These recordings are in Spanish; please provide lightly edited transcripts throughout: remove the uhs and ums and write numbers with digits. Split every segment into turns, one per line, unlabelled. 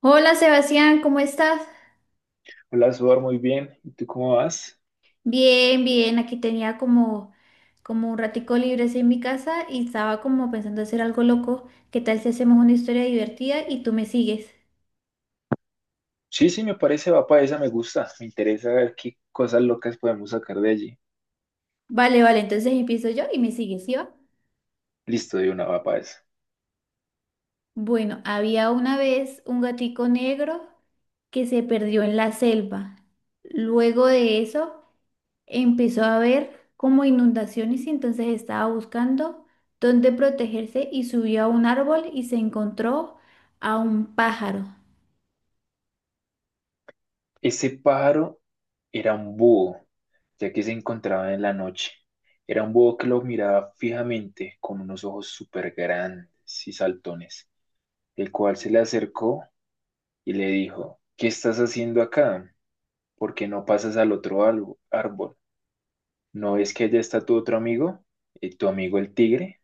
Hola Sebastián, ¿cómo estás?
Hola, Suar, muy bien. ¿Y tú cómo vas?
Bien, bien, aquí tenía como un ratico libre así en mi casa y estaba como pensando hacer algo loco. ¿Qué tal si hacemos una historia divertida y tú me sigues?
Sí, sí, me parece, va para esa, me gusta. Me interesa ver qué cosas locas podemos sacar de allí.
Vale, vale, entonces empiezo yo y me sigues, ¿sí va?
Listo, de una, va para esa.
Bueno, había una vez un gatico negro que se perdió en la selva. Luego de eso, empezó a ver como inundaciones y entonces estaba buscando dónde protegerse y subió a un árbol y se encontró a un pájaro.
Ese pájaro era un búho, ya que se encontraba en la noche. Era un búho que lo miraba fijamente, con unos ojos súper grandes y saltones, el cual se le acercó y le dijo, ¿qué estás haciendo acá? ¿Por qué no pasas al árbol? ¿No ves que allá está tu otro amigo? ¿Tu amigo el tigre?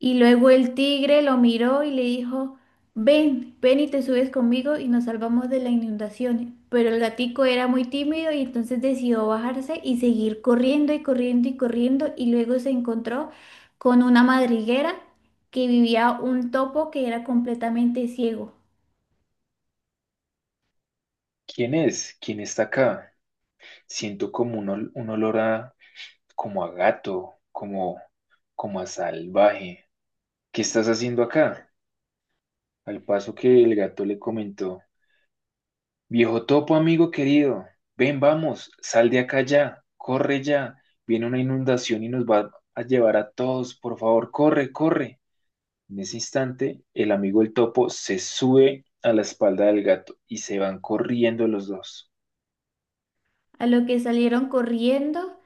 Y luego el tigre lo miró y le dijo, ven, ven y te subes conmigo y nos salvamos de la inundación. Pero el gatico era muy tímido y entonces decidió bajarse y seguir corriendo y corriendo y corriendo y luego se encontró con una madriguera que vivía un topo que era completamente ciego.
¿Quién es? ¿Quién está acá? Siento como un, un olor a, como a gato, como, como a salvaje. ¿Qué estás haciendo acá? Al paso que el gato le comentó, viejo topo, amigo querido, ven, vamos, sal de acá ya, corre ya, viene una inundación y nos va a llevar a todos, por favor, corre, corre. En ese instante, el amigo el topo se sube a la espalda del gato y se van corriendo los dos.
A lo que salieron corriendo,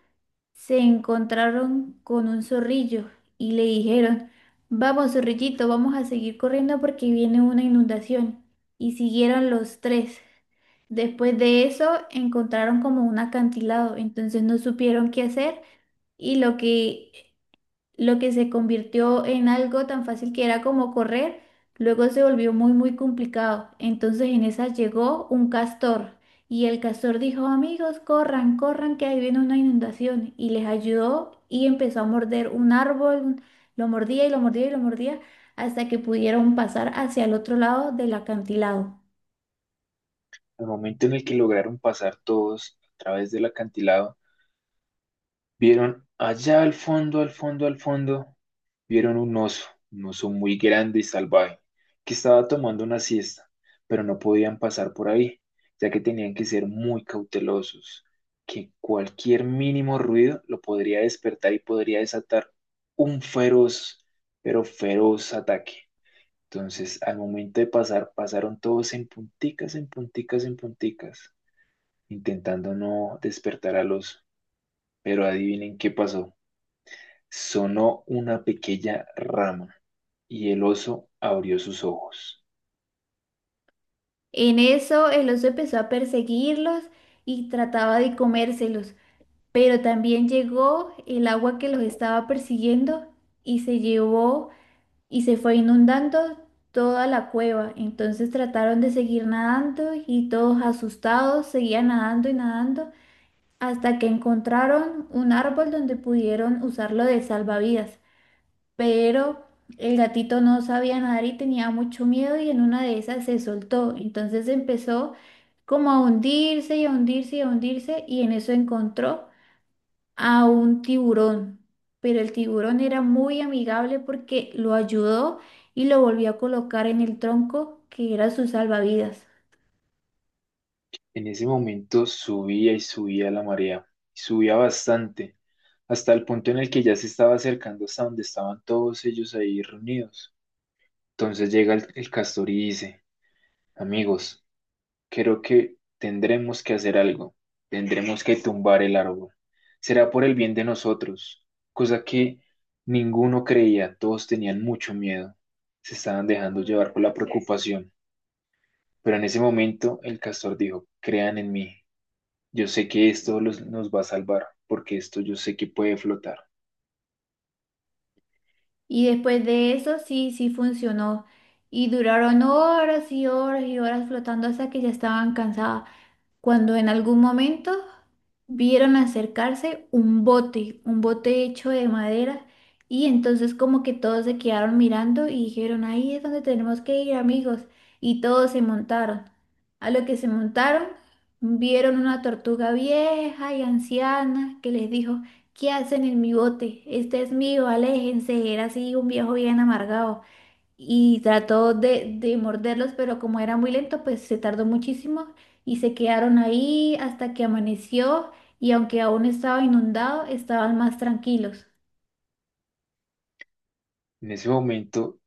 se encontraron con un zorrillo y le dijeron, vamos, zorrillito, vamos a seguir corriendo porque viene una inundación. Y siguieron los tres. Después de eso, encontraron como un acantilado, entonces no supieron qué hacer y lo que se convirtió en algo tan fácil que era como correr, luego se volvió muy, muy complicado. Entonces en esa llegó un castor y el castor dijo, amigos, corran, corran, que ahí viene una inundación. Y les ayudó y empezó a morder un árbol, lo mordía y lo mordía y lo mordía hasta que pudieron pasar hacia el otro lado del acantilado.
Al momento en el que lograron pasar todos a través del acantilado, vieron allá al fondo, al fondo, al fondo, vieron un oso muy grande y salvaje, que estaba tomando una siesta, pero no podían pasar por ahí, ya que tenían que ser muy cautelosos, que cualquier mínimo ruido lo podría despertar y podría desatar un feroz, pero feroz ataque. Entonces, al momento de pasar, pasaron todos en punticas, en punticas, en punticas, intentando no despertar al oso. Pero adivinen qué pasó. Sonó una pequeña rama y el oso abrió sus ojos.
En eso el oso empezó a perseguirlos y trataba de comérselos. Pero también llegó el agua que los estaba persiguiendo y se llevó y se fue inundando toda la cueva. Entonces trataron de seguir nadando y todos asustados seguían nadando y nadando hasta que encontraron un árbol donde pudieron usarlo de salvavidas. Pero el gatito no sabía nadar y tenía mucho miedo y en una de esas se soltó. Entonces empezó como a hundirse y a hundirse y a hundirse y en eso encontró a un tiburón, pero el tiburón era muy amigable porque lo ayudó y lo volvió a colocar en el tronco que era su salvavidas.
En ese momento subía y subía la marea, y subía bastante, hasta el punto en el que ya se estaba acercando hasta donde estaban todos ellos ahí reunidos. Entonces llega el castor y dice, amigos, creo que tendremos que hacer algo. Tendremos que tumbar el árbol. Será por el bien de nosotros, cosa que ninguno creía. Todos tenían mucho miedo. Se estaban dejando llevar por la preocupación. Pero en ese momento el castor dijo, crean en mí. Yo sé que esto nos va a salvar, porque esto yo sé que puede flotar.
Y después de eso sí, sí funcionó. Y duraron horas y horas y horas flotando hasta que ya estaban cansadas. Cuando en algún momento vieron acercarse un bote hecho de madera, y entonces como que todos se quedaron mirando y dijeron, ahí es donde tenemos que ir, amigos, y todos se montaron. A lo que se montaron, vieron una tortuga vieja y anciana que les dijo, ¿qué hacen en mi bote? Este es mío, aléjense, era así un viejo bien amargado y trató de morderlos, pero como era muy lento, pues se tardó muchísimo y se quedaron ahí hasta que amaneció y aunque aún estaba inundado, estaban más tranquilos,
En ese momento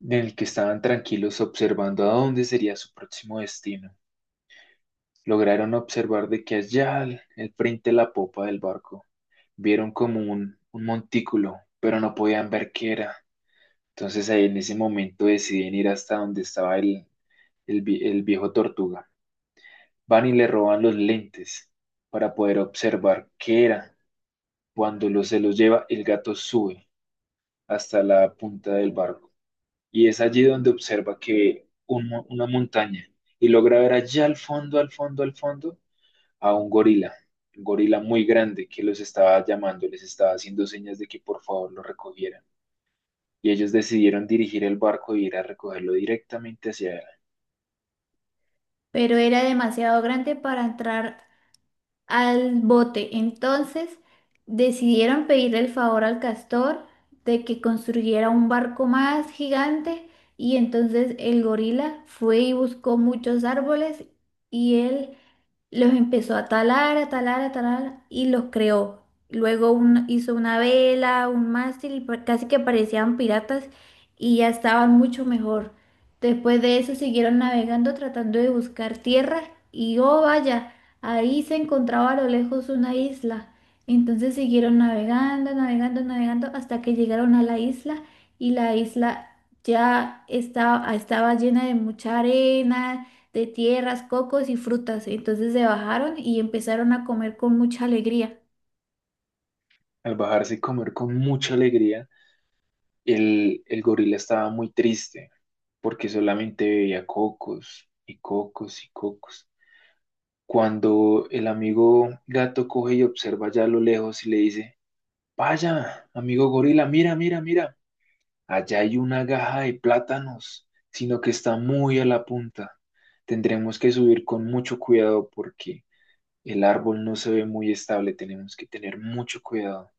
en el que estaban tranquilos observando a dónde sería su próximo destino. Lograron observar de que allá al frente de la popa del barco vieron como un montículo, pero no podían ver qué era. Entonces ahí en ese momento deciden ir hasta donde estaba el viejo tortuga. Van y le roban los lentes para poder observar qué era. Cuando los, se los lleva, el gato sube hasta la punta del barco. Y es allí donde observa que una montaña y logra ver allá al fondo, al fondo, al fondo, a un gorila muy grande que los estaba llamando, les estaba haciendo señas de que por favor lo recogieran. Y ellos decidieron dirigir el barco e ir a recogerlo directamente hacia él.
pero era demasiado grande para entrar al bote. Entonces decidieron pedirle el favor al castor de que construyera un barco más gigante y entonces el gorila fue y buscó muchos árboles y él los empezó a talar, a talar, a talar y los creó. Luego hizo una vela, un mástil y casi que parecían piratas y ya estaban mucho mejor. Después de eso siguieron navegando tratando de buscar tierra y oh vaya, ahí se encontraba a lo lejos una isla. Entonces siguieron navegando, navegando, navegando hasta que llegaron a la isla y la isla ya estaba llena de mucha arena de tierras, cocos y frutas. Entonces se bajaron y empezaron a comer con mucha alegría.
Al bajarse y comer con mucha alegría, el gorila estaba muy triste porque solamente veía cocos y cocos y cocos. Cuando el amigo gato coge y observa ya a lo lejos y le dice, vaya, amigo gorila, mira, mira, mira, allá hay una gaja de plátanos, sino que está muy a la punta. Tendremos que subir con mucho cuidado porque el árbol no se ve muy estable. Tenemos que tener mucho cuidado.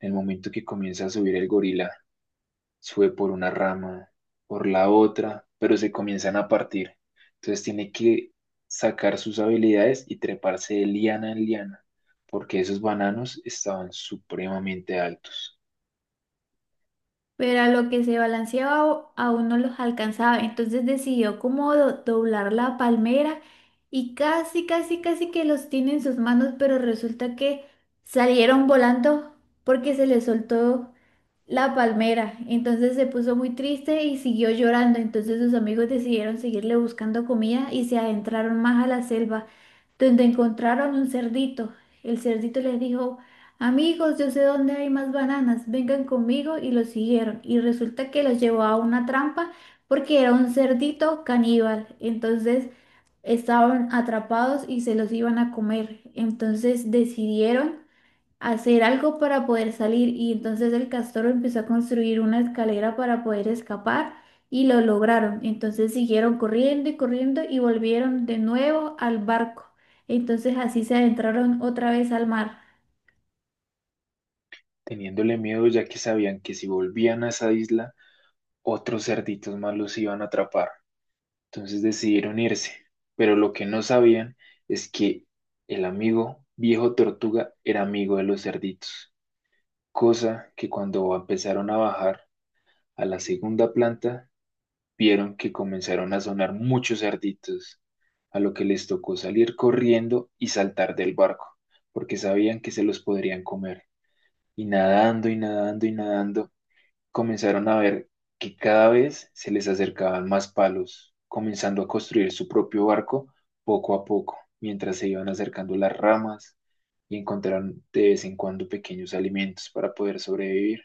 En el momento que comienza a subir el gorila, sube por una rama, por la otra, pero se comienzan a partir. Entonces tiene que sacar sus habilidades y treparse de liana en liana, porque esos bananos estaban supremamente altos,
Pero a lo que se balanceaba aún no los alcanzaba. Entonces decidió como doblar la palmera y casi, casi, casi que los tiene en sus manos, pero resulta que salieron volando porque se les soltó la palmera. Entonces se puso muy triste y siguió llorando. Entonces sus amigos decidieron seguirle buscando comida y se adentraron más a la selva, donde encontraron un cerdito. El cerdito les dijo, amigos, yo sé dónde hay más bananas, vengan conmigo y los siguieron. Y resulta que los llevó a una trampa porque era un cerdito caníbal. Entonces estaban atrapados y se los iban a comer. Entonces decidieron hacer algo para poder salir y entonces el castor empezó a construir una escalera para poder escapar y lo lograron. Entonces siguieron corriendo y corriendo y volvieron de nuevo al barco. Entonces así se adentraron otra vez al mar.
teniéndole miedo ya que sabían que si volvían a esa isla, otros cerditos más los iban a atrapar. Entonces decidieron irse, pero lo que no sabían es que el amigo viejo tortuga era amigo de los cerditos, cosa que cuando empezaron a bajar a la segunda planta, vieron que comenzaron a sonar muchos cerditos, a lo que les tocó salir corriendo y saltar del barco, porque sabían que se los podrían comer. Y nadando y nadando y nadando, comenzaron a ver que cada vez se les acercaban más palos, comenzando a construir su propio barco poco a poco, mientras se iban acercando las ramas y encontraron de vez en cuando pequeños alimentos para poder sobrevivir.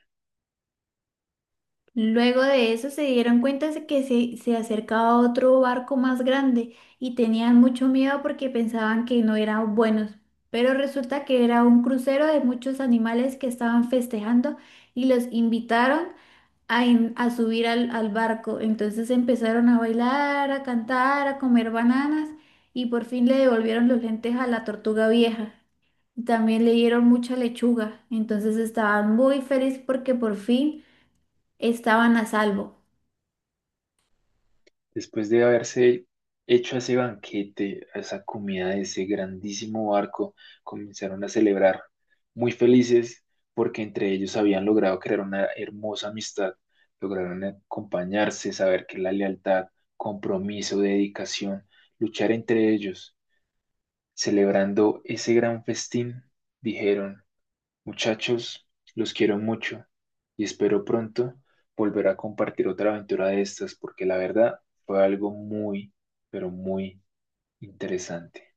Luego de eso se dieron cuenta de que se acercaba otro barco más grande y tenían mucho miedo porque pensaban que no eran buenos. Pero resulta que era un crucero de muchos animales que estaban festejando y los invitaron a, a subir al barco. Entonces empezaron a bailar, a cantar, a comer bananas y por fin le devolvieron los lentes a la tortuga vieja. También le dieron mucha lechuga. Entonces estaban muy felices porque por fin estaban a salvo.
Después de haberse hecho ese banquete, a esa comida de ese grandísimo barco, comenzaron a celebrar, muy felices porque entre ellos habían logrado crear una hermosa amistad, lograron acompañarse, saber que la lealtad, compromiso, dedicación, luchar entre ellos, celebrando ese gran festín, dijeron. Muchachos, los quiero mucho y espero pronto volver a compartir otra aventura de estas porque la verdad fue algo muy, pero muy interesante.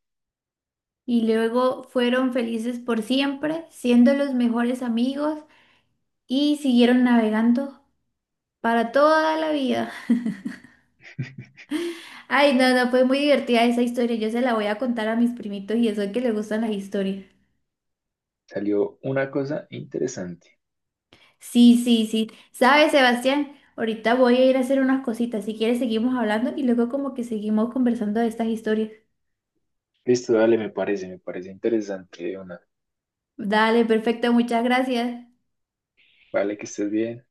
Y luego fueron felices por siempre, siendo los mejores amigos y siguieron navegando para toda la vida. Ay, no, no, fue muy divertida esa historia. Yo se la voy a contar a mis primitos y eso es que les gustan las historias.
Salió una cosa interesante.
Sí, sí, sí. ¿Sabes, Sebastián? Ahorita voy a ir a hacer unas cositas. Si quieres, seguimos hablando y luego como que seguimos conversando de estas historias.
Listo, dale, me parece interesante, una.
Dale, perfecto, muchas gracias.
Vale, que estés bien.